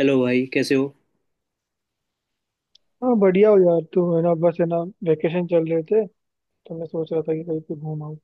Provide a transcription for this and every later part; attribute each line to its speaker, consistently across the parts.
Speaker 1: Hello भाई, कैसे हो?
Speaker 2: हाँ, बढ़िया हो यार। तू है ना? बस है ना, वेकेशन चल रहे थे तो मैं सोच रहा था कि कहीं पे घूम आऊँ।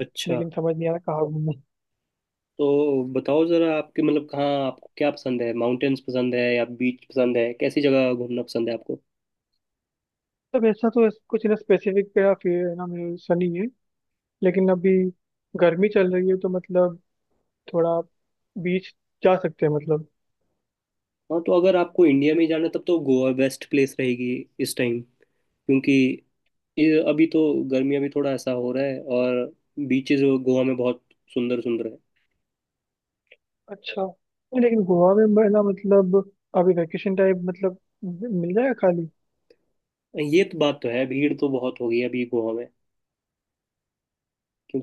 Speaker 1: अच्छा।
Speaker 2: लेकिन समझ नहीं आ रहा कहाँ घूमूं।
Speaker 1: तो बताओ जरा, आपके मतलब कहाँ, आपको क्या पसंद है? माउंटेन्स पसंद है या बीच पसंद है? कैसी जगह घूमना पसंद है आपको?
Speaker 2: तब ऐसा तो कुछ ना स्पेसिफिक मेरा फिर है ना। मेरा ऐसा नहीं है। लेकिन अभी गर्मी चल रही है तो मतलब थोड़ा बीच जा सकते हैं मतलब।
Speaker 1: हाँ, तो अगर आपको इंडिया में ही जाना है, तब तो गोवा बेस्ट प्लेस रहेगी इस टाइम। क्योंकि अभी तो गर्मियाँ भी थोड़ा ऐसा हो रहा है, और बीचेस गोवा में बहुत सुंदर सुंदर
Speaker 2: अच्छा नहीं, लेकिन गोवा में मैं ना मतलब अभी वेकेशन टाइप मतलब मिल जाएगा खाली।
Speaker 1: है। ये तो बात तो है, भीड़ तो बहुत हो गई है अभी गोवा में।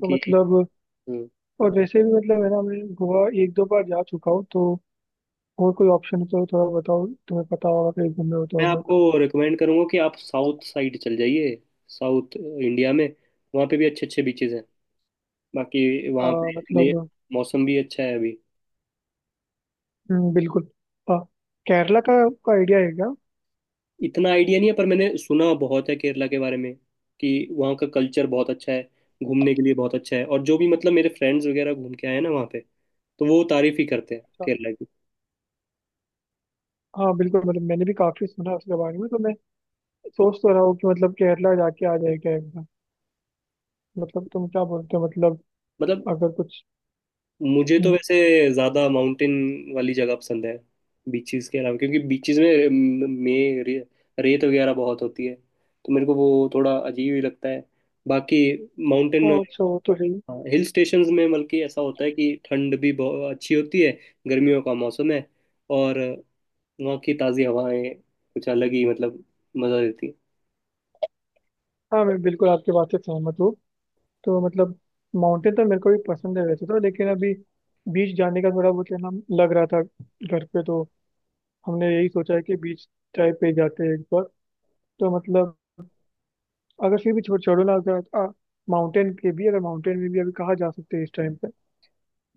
Speaker 2: तो मतलब।
Speaker 1: हम्म।
Speaker 2: और वैसे भी मतलब है ना मैं गोवा एक दो बार जा चुका हूँ तो और कोई ऑप्शन हो तो थोड़ा बताओ। तुम्हें पता होगा कहीं घूमे हो तो
Speaker 1: मैं
Speaker 2: अगर।
Speaker 1: आपको रिकमेंड करूंगा कि आप साउथ साइड चल जाइए, साउथ इंडिया में। वहाँ पे भी अच्छे अच्छे बीचेस हैं। बाकी
Speaker 2: अ,
Speaker 1: वहाँ पे
Speaker 2: मतलब।
Speaker 1: मौसम भी अच्छा है अभी।
Speaker 2: बिल्कुल। अ, केरला का आइडिया है क्या?
Speaker 1: इतना आइडिया नहीं है पर मैंने सुना बहुत है केरला के बारे में, कि वहाँ का कल्चर बहुत अच्छा है, घूमने के लिए बहुत अच्छा है। और जो भी मतलब मेरे फ्रेंड्स वगैरह घूम के आए हैं ना वहाँ पे, तो वो तारीफ ही करते हैं
Speaker 2: अच्छा।
Speaker 1: केरला की।
Speaker 2: हाँ, बिल्कुल मतलब मैंने भी काफी सुना है उसके बारे में तो मैं सोच तो रहा हूँ कि मतलब केरला जाके आ जाए क्या एकदम। मतलब तुम क्या बोलते हो मतलब
Speaker 1: मतलब
Speaker 2: अगर कुछ।
Speaker 1: मुझे तो
Speaker 2: हम्म।
Speaker 1: वैसे ज़्यादा माउंटेन वाली जगह पसंद है, बीचेस के अलावा, क्योंकि बीचेस में रेत वगैरह बहुत होती है, तो मेरे को वो थोड़ा अजीब ही लगता है। बाकी माउंटेन।
Speaker 2: हाँ, अच्छा वो तो है ही।
Speaker 1: हाँ, हिल स्टेशंस में बल्कि ऐसा होता है कि ठंड भी बहुत अच्छी होती है, गर्मियों का मौसम है। और वहाँ की ताज़ी हवाएं कुछ अलग ही मतलब मज़ा देती है।
Speaker 2: हाँ, मैं बिल्कुल आपकी बात से सहमत हूँ। तो मतलब माउंटेन तो मेरे को भी पसंद है वैसे तो, लेकिन अभी बीच जाने का थोड़ा बहुत है ना, लग रहा था घर पे। तो हमने यही सोचा है कि बीच टाइप पे जाते हैं एक बार। तो मतलब। अगर फिर भी छोड़ो ना, अगर माउंटेन में भी अभी कहाँ जा सकते हैं इस टाइम पे?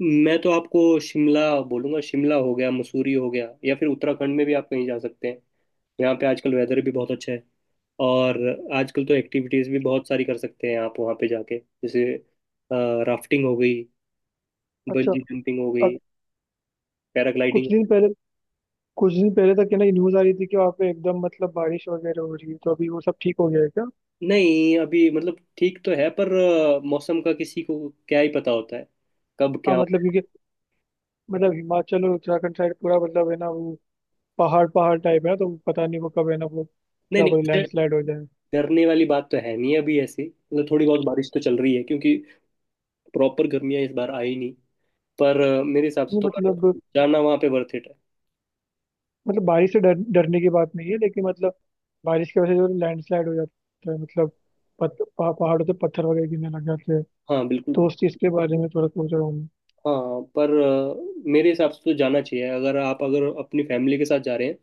Speaker 1: मैं तो आपको शिमला बोलूँगा। शिमला हो गया, मसूरी हो गया, या फिर उत्तराखंड में भी आप कहीं जा सकते हैं। यहाँ पे आजकल वेदर भी बहुत अच्छा है। और आजकल तो एक्टिविटीज़ भी बहुत सारी कर सकते हैं आप वहाँ पे जाके, जैसे राफ्टिंग हो गई,
Speaker 2: अच्छा।
Speaker 1: बंजी जंपिंग हो गई,
Speaker 2: अब कुछ
Speaker 1: पैराग्लाइडिंग।
Speaker 2: दिन पहले कुछ दिन पहले तक है ना न्यूज आ रही थी कि वहाँ पे एकदम मतलब बारिश वगैरह हो रही है, तो अभी वो सब ठीक हो गया है क्या?
Speaker 1: नहीं, अभी मतलब ठीक तो है, पर मौसम का किसी को क्या ही पता होता है, कब
Speaker 2: हाँ
Speaker 1: क्या होता
Speaker 2: मतलब
Speaker 1: है।
Speaker 2: क्योंकि मतलब हिमाचल और उत्तराखंड साइड पूरा मतलब है ना। वो पहाड़ पहाड़ टाइप है ना, तो पता नहीं वो कब है ना, वो
Speaker 1: नहीं
Speaker 2: क्या
Speaker 1: नहीं,
Speaker 2: बोले,
Speaker 1: उससे
Speaker 2: लैंडस्लाइड हो जाए।
Speaker 1: डरने वाली बात तो है नहीं, अभी ऐसी मतलब थोड़ी बहुत बारिश तो चल रही है, क्योंकि प्रॉपर गर्मियाँ इस बार आई नहीं। पर मेरे हिसाब से
Speaker 2: नहीं
Speaker 1: तो, पर
Speaker 2: मतलब,
Speaker 1: जाना वहाँ पे वर्थ इट है।
Speaker 2: बारिश से डर डरने की बात नहीं है, लेकिन मतलब। बारिश की वजह से जो लैंडस्लाइड हो जाता है मतलब पहाड़ों से पत्थर वगैरह गिरने लग जाते हैं।
Speaker 1: हाँ बिल्कुल।
Speaker 2: दोस्त इसके बारे में थोड़ा पूछ रहा हूँ।
Speaker 1: हाँ, पर मेरे हिसाब से तो जाना चाहिए, अगर आप, अगर अपनी फैमिली के साथ जा रहे हैं,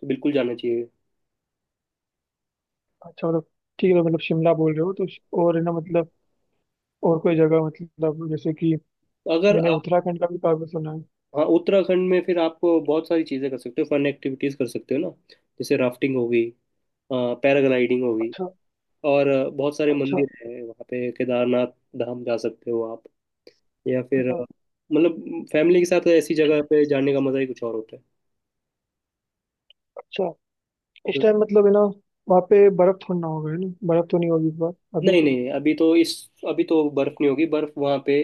Speaker 1: तो बिल्कुल जाना चाहिए।
Speaker 2: अच्छा मतलब ठीक है। मतलब शिमला बोल रहे हो तो और है ना मतलब और कोई जगह मतलब जैसे कि
Speaker 1: अगर
Speaker 2: मैंने
Speaker 1: आप।
Speaker 2: उत्तराखंड का भी काफी सुना है।
Speaker 1: हाँ, उत्तराखंड में फिर आप बहुत सारी चीज़ें कर सकते हो, फन एक्टिविटीज़ कर सकते हो ना। जैसे राफ्टिंग हो गई, पैराग्लाइडिंग हो गई।
Speaker 2: अच्छा,
Speaker 1: और बहुत सारे
Speaker 2: अच्छा।
Speaker 1: मंदिर हैं वहाँ पे, केदारनाथ धाम जा सकते हो आप। या फिर
Speaker 2: हम्म,
Speaker 1: मतलब फैमिली के साथ ऐसी जगह पे जाने का मजा ही कुछ और होता है।
Speaker 2: अच्छा। इस
Speaker 1: हम्म।
Speaker 2: टाइम मतलब है ना वहाँ पे बर्फ थोड़ी ना होगा, है ना? बर्फ तो नहीं होगी इस बार अभी।
Speaker 1: नहीं नहीं, अभी तो इस, अभी तो बर्फ नहीं होगी। बर्फ वहाँ पे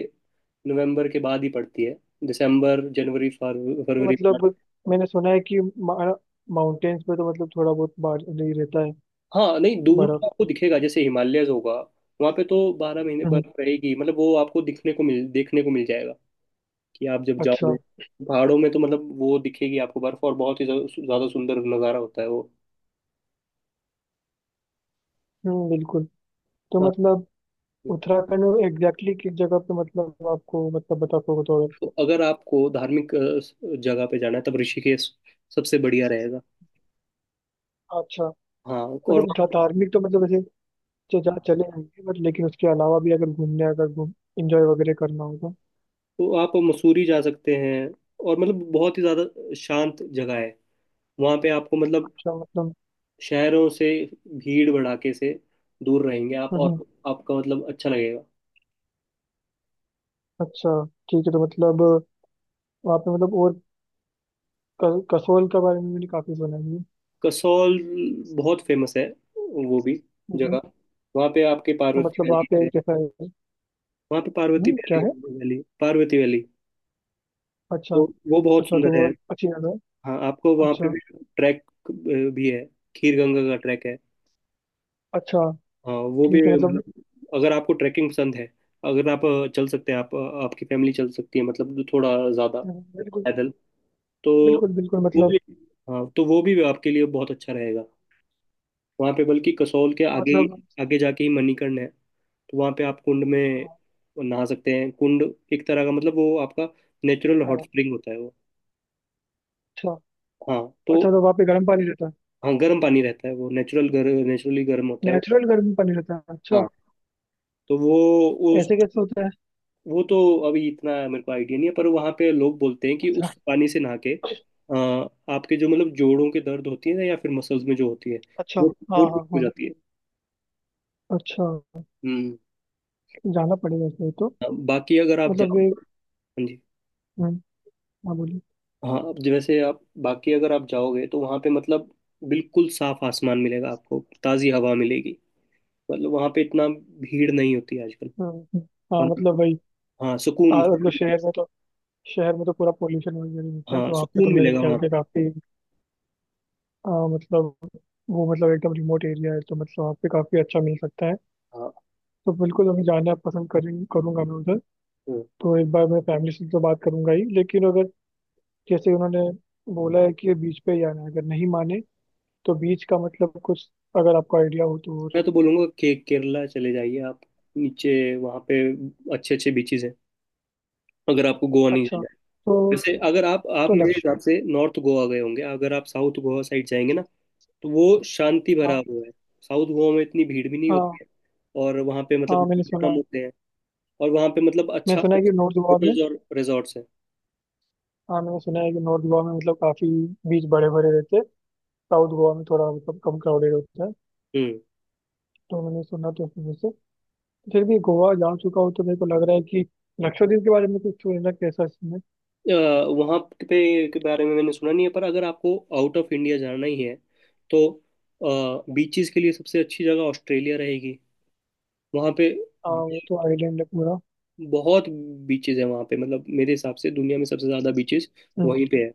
Speaker 1: नवंबर के बाद ही पड़ती है, दिसंबर जनवरी
Speaker 2: ये
Speaker 1: फरवरी
Speaker 2: मतलब
Speaker 1: मार्च।
Speaker 2: मैंने सुना है कि माउंटेन्स पे तो मतलब थोड़ा बहुत बार नहीं रहता है
Speaker 1: हाँ नहीं, दूर
Speaker 2: बर्फ।
Speaker 1: तो आपको दिखेगा, जैसे हिमालयज होगा, वहाँ पे तो बारह महीने
Speaker 2: हम्म,
Speaker 1: बर्फ रहेगी। मतलब वो आपको दिखने को मिल, देखने को मिल जाएगा कि आप जब
Speaker 2: अच्छा।
Speaker 1: जाओगे। पहाड़ों में तो मतलब वो दिखेगी आपको बर्फ, और बहुत ही ज्यादा सुंदर नज़ारा होता है वो।
Speaker 2: हम्म, बिल्कुल। तो
Speaker 1: हाँ,
Speaker 2: मतलब उत्तराखंड में एग्जैक्टली किस जगह पे मतलब आपको मतलब बता सको थोड़ा।
Speaker 1: तो अगर आपको धार्मिक जगह पे जाना है, तब ऋषिकेश सबसे बढ़िया रहेगा।
Speaker 2: अच्छा
Speaker 1: हाँ और
Speaker 2: मतलब
Speaker 1: वहाँ-
Speaker 2: धार्मिक तो मतलब ऐसे जो जा चले आएंगे, बट लेकिन उसके अलावा भी अगर घूम इंजॉय वगैरह करना होगा।
Speaker 1: तो आप मसूरी जा सकते हैं। और मतलब बहुत ही ज़्यादा शांत जगह है। वहाँ पे आपको मतलब
Speaker 2: अच्छा मतलब।
Speaker 1: शहरों से, भीड़ भड़ाके से दूर रहेंगे आप,
Speaker 2: हम्म,
Speaker 1: और आपका मतलब अच्छा लगेगा।
Speaker 2: अच्छा ठीक है। तो मतलब वहाँ पे मतलब और कसोल के बारे में मैंने काफी सुना है।
Speaker 1: कसौल बहुत फेमस है, वो भी
Speaker 2: हम्म,
Speaker 1: जगह। वहाँ पे आपके
Speaker 2: तो
Speaker 1: पार्वती
Speaker 2: मतलब वहाँ
Speaker 1: वैली
Speaker 2: पे
Speaker 1: है।
Speaker 2: कैसा है?
Speaker 1: वहाँ पे पार्वती वैली
Speaker 2: क्या
Speaker 1: है,
Speaker 2: है?
Speaker 1: वो वैली पार्वती वैली।
Speaker 2: अच्छा,
Speaker 1: तो वो बहुत
Speaker 2: अच्छा तो
Speaker 1: सुंदर
Speaker 2: वो
Speaker 1: है।
Speaker 2: अच्छी जगह है?
Speaker 1: हाँ, आपको वहाँ पे
Speaker 2: अच्छा,
Speaker 1: भी ट्रैक भी है। खीर गंगा का ट्रैक है।
Speaker 2: अच्छा
Speaker 1: हाँ वो भी
Speaker 2: ठीक है मतलब।
Speaker 1: मतलब, अगर आपको ट्रैकिंग पसंद है, अगर आप चल सकते हैं आप, आपकी फैमिली चल सकती है, मतलब थोड़ा ज़्यादा
Speaker 2: बिल्कुल,
Speaker 1: पैदल। तो
Speaker 2: बिल्कुल, बिल्कुल
Speaker 1: वो
Speaker 2: मतलब।
Speaker 1: भी। हाँ, तो वो भी आपके लिए बहुत अच्छा रहेगा। वहाँ पे बल्कि कसौल के
Speaker 2: हाँ,
Speaker 1: आगे ही,
Speaker 2: मतलब।
Speaker 1: आगे जाके ही मणिकर्ण है। तो वहाँ पे आप कुंड में
Speaker 2: हाँ,
Speaker 1: नहा सकते हैं। कुंड एक तरह का मतलब वो आपका नेचुरल हॉट
Speaker 2: हाँ,
Speaker 1: स्प्रिंग होता है वो।
Speaker 2: अच्छा,
Speaker 1: हाँ। तो
Speaker 2: अच्छा तो वहाँ पे गर्म पानी रहता है?
Speaker 1: हाँ, गर्म पानी रहता है, वो नेचुरल गर नेचुरली गर्म होता है वो।
Speaker 2: नेचुरल गर्म पानी रहता है, अच्छा।
Speaker 1: हाँ। तो वो, उस।
Speaker 2: ऐसे कैसे होता है?
Speaker 1: वो तो अभी इतना मेरे को आइडिया नहीं है, पर वहाँ पे लोग बोलते हैं कि उस
Speaker 2: अच्छा,
Speaker 1: पानी से नहा के आपके जो मतलब जोड़ों के दर्द होती है ना, या फिर मसल्स में जो होती है,
Speaker 2: अच्छा।
Speaker 1: वो
Speaker 2: हाँ,
Speaker 1: वो
Speaker 2: हाँ,
Speaker 1: ठीक हो
Speaker 2: हाँ,
Speaker 1: जाती है।
Speaker 2: अच्छा,
Speaker 1: हम्म।
Speaker 2: जाना पड़ेगा इसलिए तो।
Speaker 1: हाँ, बाकी अगर आप
Speaker 2: मतलब
Speaker 1: जाओ।
Speaker 2: वे।
Speaker 1: हाँ जी।
Speaker 2: हम्म, हाँ, बोलिए।
Speaker 1: हाँ, अब जैसे आप बाकी अगर आप जाओगे, तो वहाँ पे मतलब बिल्कुल साफ आसमान मिलेगा आपको, ताज़ी हवा मिलेगी। मतलब वहाँ पे इतना भीड़ नहीं होती आजकल।
Speaker 2: हम्म, हम्म, हाँ
Speaker 1: और।
Speaker 2: मतलब वही।
Speaker 1: हाँ सुकून।
Speaker 2: हाँ मतलब शहर में तो पूरा पोल्यूशन वगैरह होता है
Speaker 1: हाँ
Speaker 2: तो वहाँ पे तो
Speaker 1: सुकून
Speaker 2: मेरे
Speaker 1: मिलेगा
Speaker 2: ख्याल
Speaker 1: वहाँ
Speaker 2: से
Speaker 1: पे।
Speaker 2: काफी। हाँ, मतलब वो मतलब एकदम रिमोट एरिया है तो मतलब वहाँ पे काफी अच्छा मिल सकता है।
Speaker 1: हाँ।
Speaker 2: तो बिल्कुल हमें जाना पसंद करें करूंगा मैं उधर।
Speaker 1: हम्म।
Speaker 2: तो एक बार मैं फैमिली से तो बात करूंगा ही, लेकिन अगर जैसे उन्होंने बोला है कि बीच पे ही जाना है अगर नहीं माने तो बीच का मतलब कुछ, अगर आपको आइडिया हो तो और।
Speaker 1: मैं तो बोलूंगा के केरला चले जाइए आप, नीचे वहाँ पे अच्छे अच्छे बीचेस हैं, अगर आपको गोवा नहीं
Speaker 2: अच्छा
Speaker 1: जाना है।
Speaker 2: तो
Speaker 1: वैसे अगर आप, आप
Speaker 2: तो
Speaker 1: मेरे
Speaker 2: लक्ष्य।
Speaker 1: हिसाब से नॉर्थ गोवा गए होंगे। अगर आप साउथ गोवा साइड जाएंगे ना, तो वो शांति भरा
Speaker 2: हाँ,
Speaker 1: हुआ है। साउथ गोवा में इतनी भीड़ भी नहीं होती
Speaker 2: हाँ,
Speaker 1: है। और वहाँ पे मतलब
Speaker 2: हाँ,
Speaker 1: लोग
Speaker 2: मैंने
Speaker 1: भी
Speaker 2: सुना
Speaker 1: कम
Speaker 2: है
Speaker 1: होते हैं। और वहाँ पे मतलब अच्छा
Speaker 2: मैंने सुना है कि नॉर्थ गोवा में।
Speaker 1: होटल्स और रिजॉर्ट्स हैं।
Speaker 2: हाँ, मैंने सुना है कि नॉर्थ गोवा में मतलब काफी बीच बड़े बड़े रहते हैं। साउथ गोवा में थोड़ा मतलब कम क्राउडेड होता है,
Speaker 1: हम्म।
Speaker 2: तो मैंने सुना तो उस वजह से। फिर भी गोवा जा चुका हूँ तो मेरे को लग रहा है कि लक्षद्वीप के बारे में कुछ सुन रहा, कैसा इसमें?
Speaker 1: अ, वहाँ पे के बारे में मैंने सुना नहीं है, पर अगर आपको आउट ऑफ इंडिया जाना ही है, तो बीचेस के लिए सबसे अच्छी जगह ऑस्ट्रेलिया रहेगी। वहाँ पे
Speaker 2: हाँ, वो तो आइलैंड है पूरा।
Speaker 1: बहुत बीचेस है, वहाँ पे मतलब मेरे हिसाब से दुनिया में सबसे ज़्यादा बीचेस
Speaker 2: हम्म,
Speaker 1: वहीं पे है।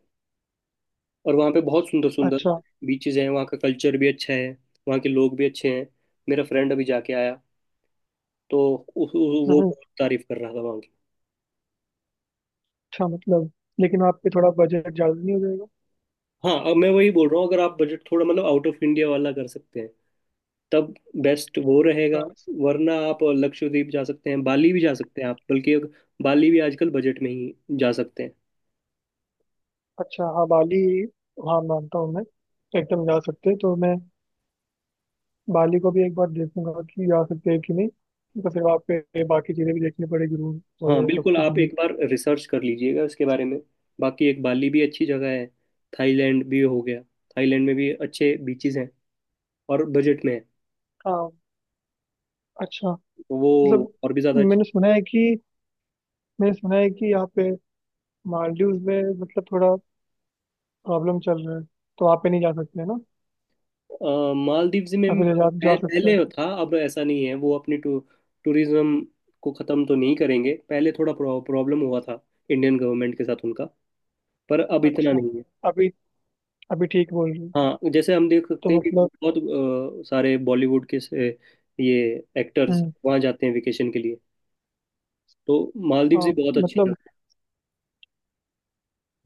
Speaker 1: और वहाँ पे बहुत सुंदर सुंदर
Speaker 2: अच्छा।
Speaker 1: बीचेस हैं। वहाँ का कल्चर भी अच्छा है, वहाँ के लोग भी अच्छे हैं। मेरा फ्रेंड अभी जाके आया, तो उ, उ, वो
Speaker 2: हम्म,
Speaker 1: बहुत तारीफ कर रहा था वहाँ की।
Speaker 2: अच्छा मतलब, लेकिन वहाँ पे थोड़ा बजट ज्यादा नहीं हो जाएगा?
Speaker 1: हाँ, अब मैं वही बोल रहा हूँ, अगर आप बजट थोड़ा मतलब आउट ऑफ इंडिया वाला कर सकते हैं, तब बेस्ट वो रहेगा।
Speaker 2: अच्छा,
Speaker 1: वरना आप लक्षद्वीप जा सकते हैं, बाली भी जा सकते हैं आप। बल्कि अब बाली भी आजकल बजट में ही जा सकते हैं।
Speaker 2: अच्छा। हाँ, बाली, हाँ मानता हूँ मैं। एकदम जा सकते हैं तो मैं बाली को भी एक बार देखूंगा कि आ सकते हैं कि नहीं। तो फिर वहाँ पे बाकी चीज़ें भी देखनी पड़ेगी, रूम
Speaker 1: हाँ
Speaker 2: वगैरह सब
Speaker 1: बिल्कुल,
Speaker 2: कुछ
Speaker 1: आप
Speaker 2: भी।
Speaker 1: एक बार रिसर्च कर लीजिएगा इसके बारे में। बाकी एक बाली भी अच्छी जगह है। थाईलैंड भी हो गया, थाईलैंड में भी अच्छे बीचेस हैं, और बजट में है।
Speaker 2: हाँ, अच्छा
Speaker 1: तो वो
Speaker 2: मतलब।
Speaker 1: और भी ज़्यादा अच्छा।
Speaker 2: मैंने सुना है कि मैंने सुना है कि यहाँ पे मालदीव्स में मतलब थोड़ा प्रॉब्लम चल रहा है, तो वहाँ पे नहीं जा सकते है ना?
Speaker 1: मालदीव्स
Speaker 2: या
Speaker 1: में
Speaker 2: फिर जा सकते
Speaker 1: पहले
Speaker 2: हैं?
Speaker 1: था, अब ऐसा नहीं है। वो अपनी टूरिज्म को ख़त्म तो नहीं करेंगे। पहले थोड़ा प्रॉब्लम हुआ था इंडियन गवर्नमेंट के साथ उनका, पर अब इतना
Speaker 2: अच्छा।
Speaker 1: नहीं है।
Speaker 2: अभी अभी ठीक बोल रही हूँ।
Speaker 1: हाँ, जैसे हम देख
Speaker 2: तो
Speaker 1: सकते हैं कि
Speaker 2: मतलब।
Speaker 1: बहुत सारे बॉलीवुड के से ये एक्टर्स
Speaker 2: हम्म,
Speaker 1: वहाँ जाते हैं वेकेशन के लिए। तो मालदीव्स भी
Speaker 2: हाँ
Speaker 1: बहुत अच्छी
Speaker 2: मतलब।
Speaker 1: जगह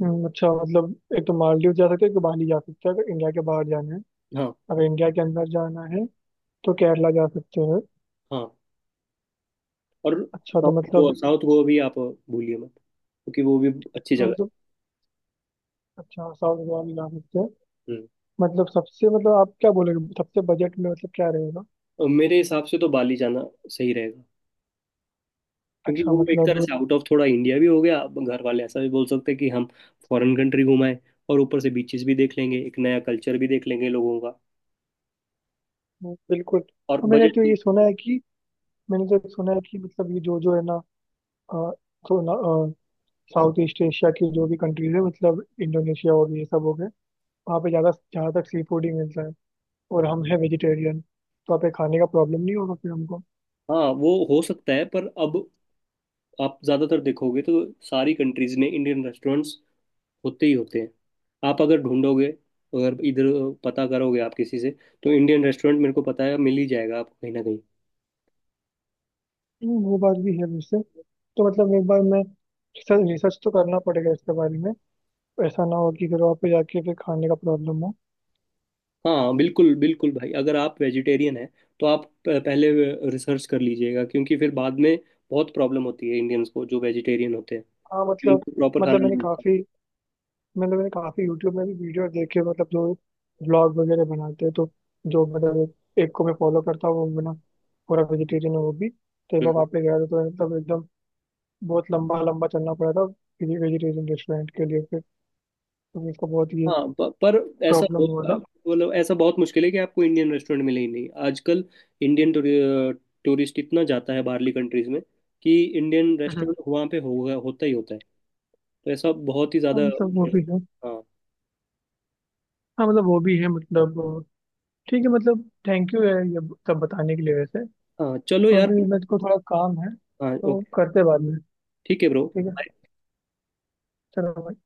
Speaker 2: अच्छा मतलब एक तो मालदीव जा सकते हैं, एक तो बाली जा सकते हैं अगर इंडिया के बाहर जाना है।
Speaker 1: है। हाँ।
Speaker 2: अगर इंडिया के अंदर जाना है तो केरला जा सकते हैं।
Speaker 1: हाँ और
Speaker 2: अच्छा तो
Speaker 1: साउथ
Speaker 2: मतलब।
Speaker 1: गोवा, साउथ गोवा भी आप भूलिए मत, क्योंकि वो भी अच्छी
Speaker 2: हाँ,
Speaker 1: जगह
Speaker 2: मतलब अच्छा। साउथ गोवा भी जा सकते हैं
Speaker 1: है। हम्म।
Speaker 2: मतलब। सबसे मतलब आप क्या बोलेंगे, सबसे बजट में मतलब क्या रहेगा?
Speaker 1: और मेरे हिसाब से तो बाली जाना सही रहेगा। क्योंकि
Speaker 2: अच्छा
Speaker 1: वो एक तरह
Speaker 2: मतलब।
Speaker 1: से आउट ऑफ थोड़ा इंडिया भी हो गया, अब घर वाले ऐसा भी बोल सकते हैं कि हम फॉरेन कंट्री घुमाएं, और ऊपर से बीचेस भी देख लेंगे, एक नया कल्चर भी देख लेंगे लोगों का।
Speaker 2: बिल्कुल।
Speaker 1: और
Speaker 2: और मैंने
Speaker 1: बजट।
Speaker 2: क्यों ये सुना है कि मैंने तो सुना है कि मतलब ये जो जो है ना अ, तो ना साउथ ईस्ट एशिया की जो भी कंट्रीज है मतलब इंडोनेशिया हो गई, ये सब हो गए। वहाँ पे ज़्यादा जहाँ तक सी फूड ही मिलता है, और हम है वेजिटेरियन तो वहाँ पे खाने का प्रॉब्लम नहीं होगा फिर हमको।
Speaker 1: हाँ, वो हो सकता है, पर अब आप ज़्यादातर देखोगे तो सारी कंट्रीज़ में इंडियन रेस्टोरेंट्स होते ही होते हैं। आप अगर ढूंढोगे, अगर इधर पता करोगे आप किसी से, तो इंडियन रेस्टोरेंट मेरे को पता है मिल ही जाएगा आपको कहीं ना कहीं।
Speaker 2: वो बात भी है वैसे। तो मतलब एक बार मैं रिसर्च रिसर्च तो करना पड़ेगा इसके बारे में। ऐसा ना हो कि फिर वहाँ पे जाके फिर खाने का प्रॉब्लम हो।
Speaker 1: हाँ बिल्कुल बिल्कुल भाई, अगर आप वेजिटेरियन हैं, तो आप पहले रिसर्च कर लीजिएगा, क्योंकि फिर बाद में बहुत प्रॉब्लम होती है इंडियंस को जो वेजिटेरियन होते हैं,
Speaker 2: हाँ मतलब
Speaker 1: उनको प्रॉपर
Speaker 2: मतलब
Speaker 1: खाना नहीं
Speaker 2: मैंने काफ़ी यूट्यूब में भी वीडियो देखे मतलब जो व्लॉग वगैरह बनाते हैं, तो जो मतलब एक एक को मैं फॉलो करता हूँ वो बना पूरा वेजिटेरियन है। वो भी तो एक बार वहाँ
Speaker 1: मिलता।
Speaker 2: पे गया था तो मतलब एकदम बहुत लंबा लंबा चलना पड़ा था किसी वेजिटेरियन रेस्टोरेंट के लिए फिर। तो इसका बहुत ये
Speaker 1: हाँ पर ऐसा
Speaker 2: प्रॉब्लम हुआ
Speaker 1: बहुत-
Speaker 2: था।
Speaker 1: मतलब ऐसा बहुत मुश्किल है कि आपको इंडियन रेस्टोरेंट मिले ही नहीं आजकल। इंडियन टूरिस्ट इतना जाता है बाहरली कंट्रीज में, कि इंडियन
Speaker 2: हम्म।
Speaker 1: रेस्टोरेंट वहाँ पे होगा होता ही होता है। तो ऐसा बहुत ही
Speaker 2: हाँ
Speaker 1: ज़्यादा।
Speaker 2: मतलब वो भी है।
Speaker 1: हाँ।
Speaker 2: हाँ मतलब वो भी है मतलब। ठीक है मतलब, थैंक यू है ये सब बताने के लिए वैसे।
Speaker 1: हाँ चलो
Speaker 2: तो
Speaker 1: यार।
Speaker 2: अभी मेरे को थोड़ा काम है
Speaker 1: हाँ
Speaker 2: तो
Speaker 1: ओके।
Speaker 2: करते बाद में।
Speaker 1: ठीक है ब्रो।
Speaker 2: ठीक है, चलो भाई।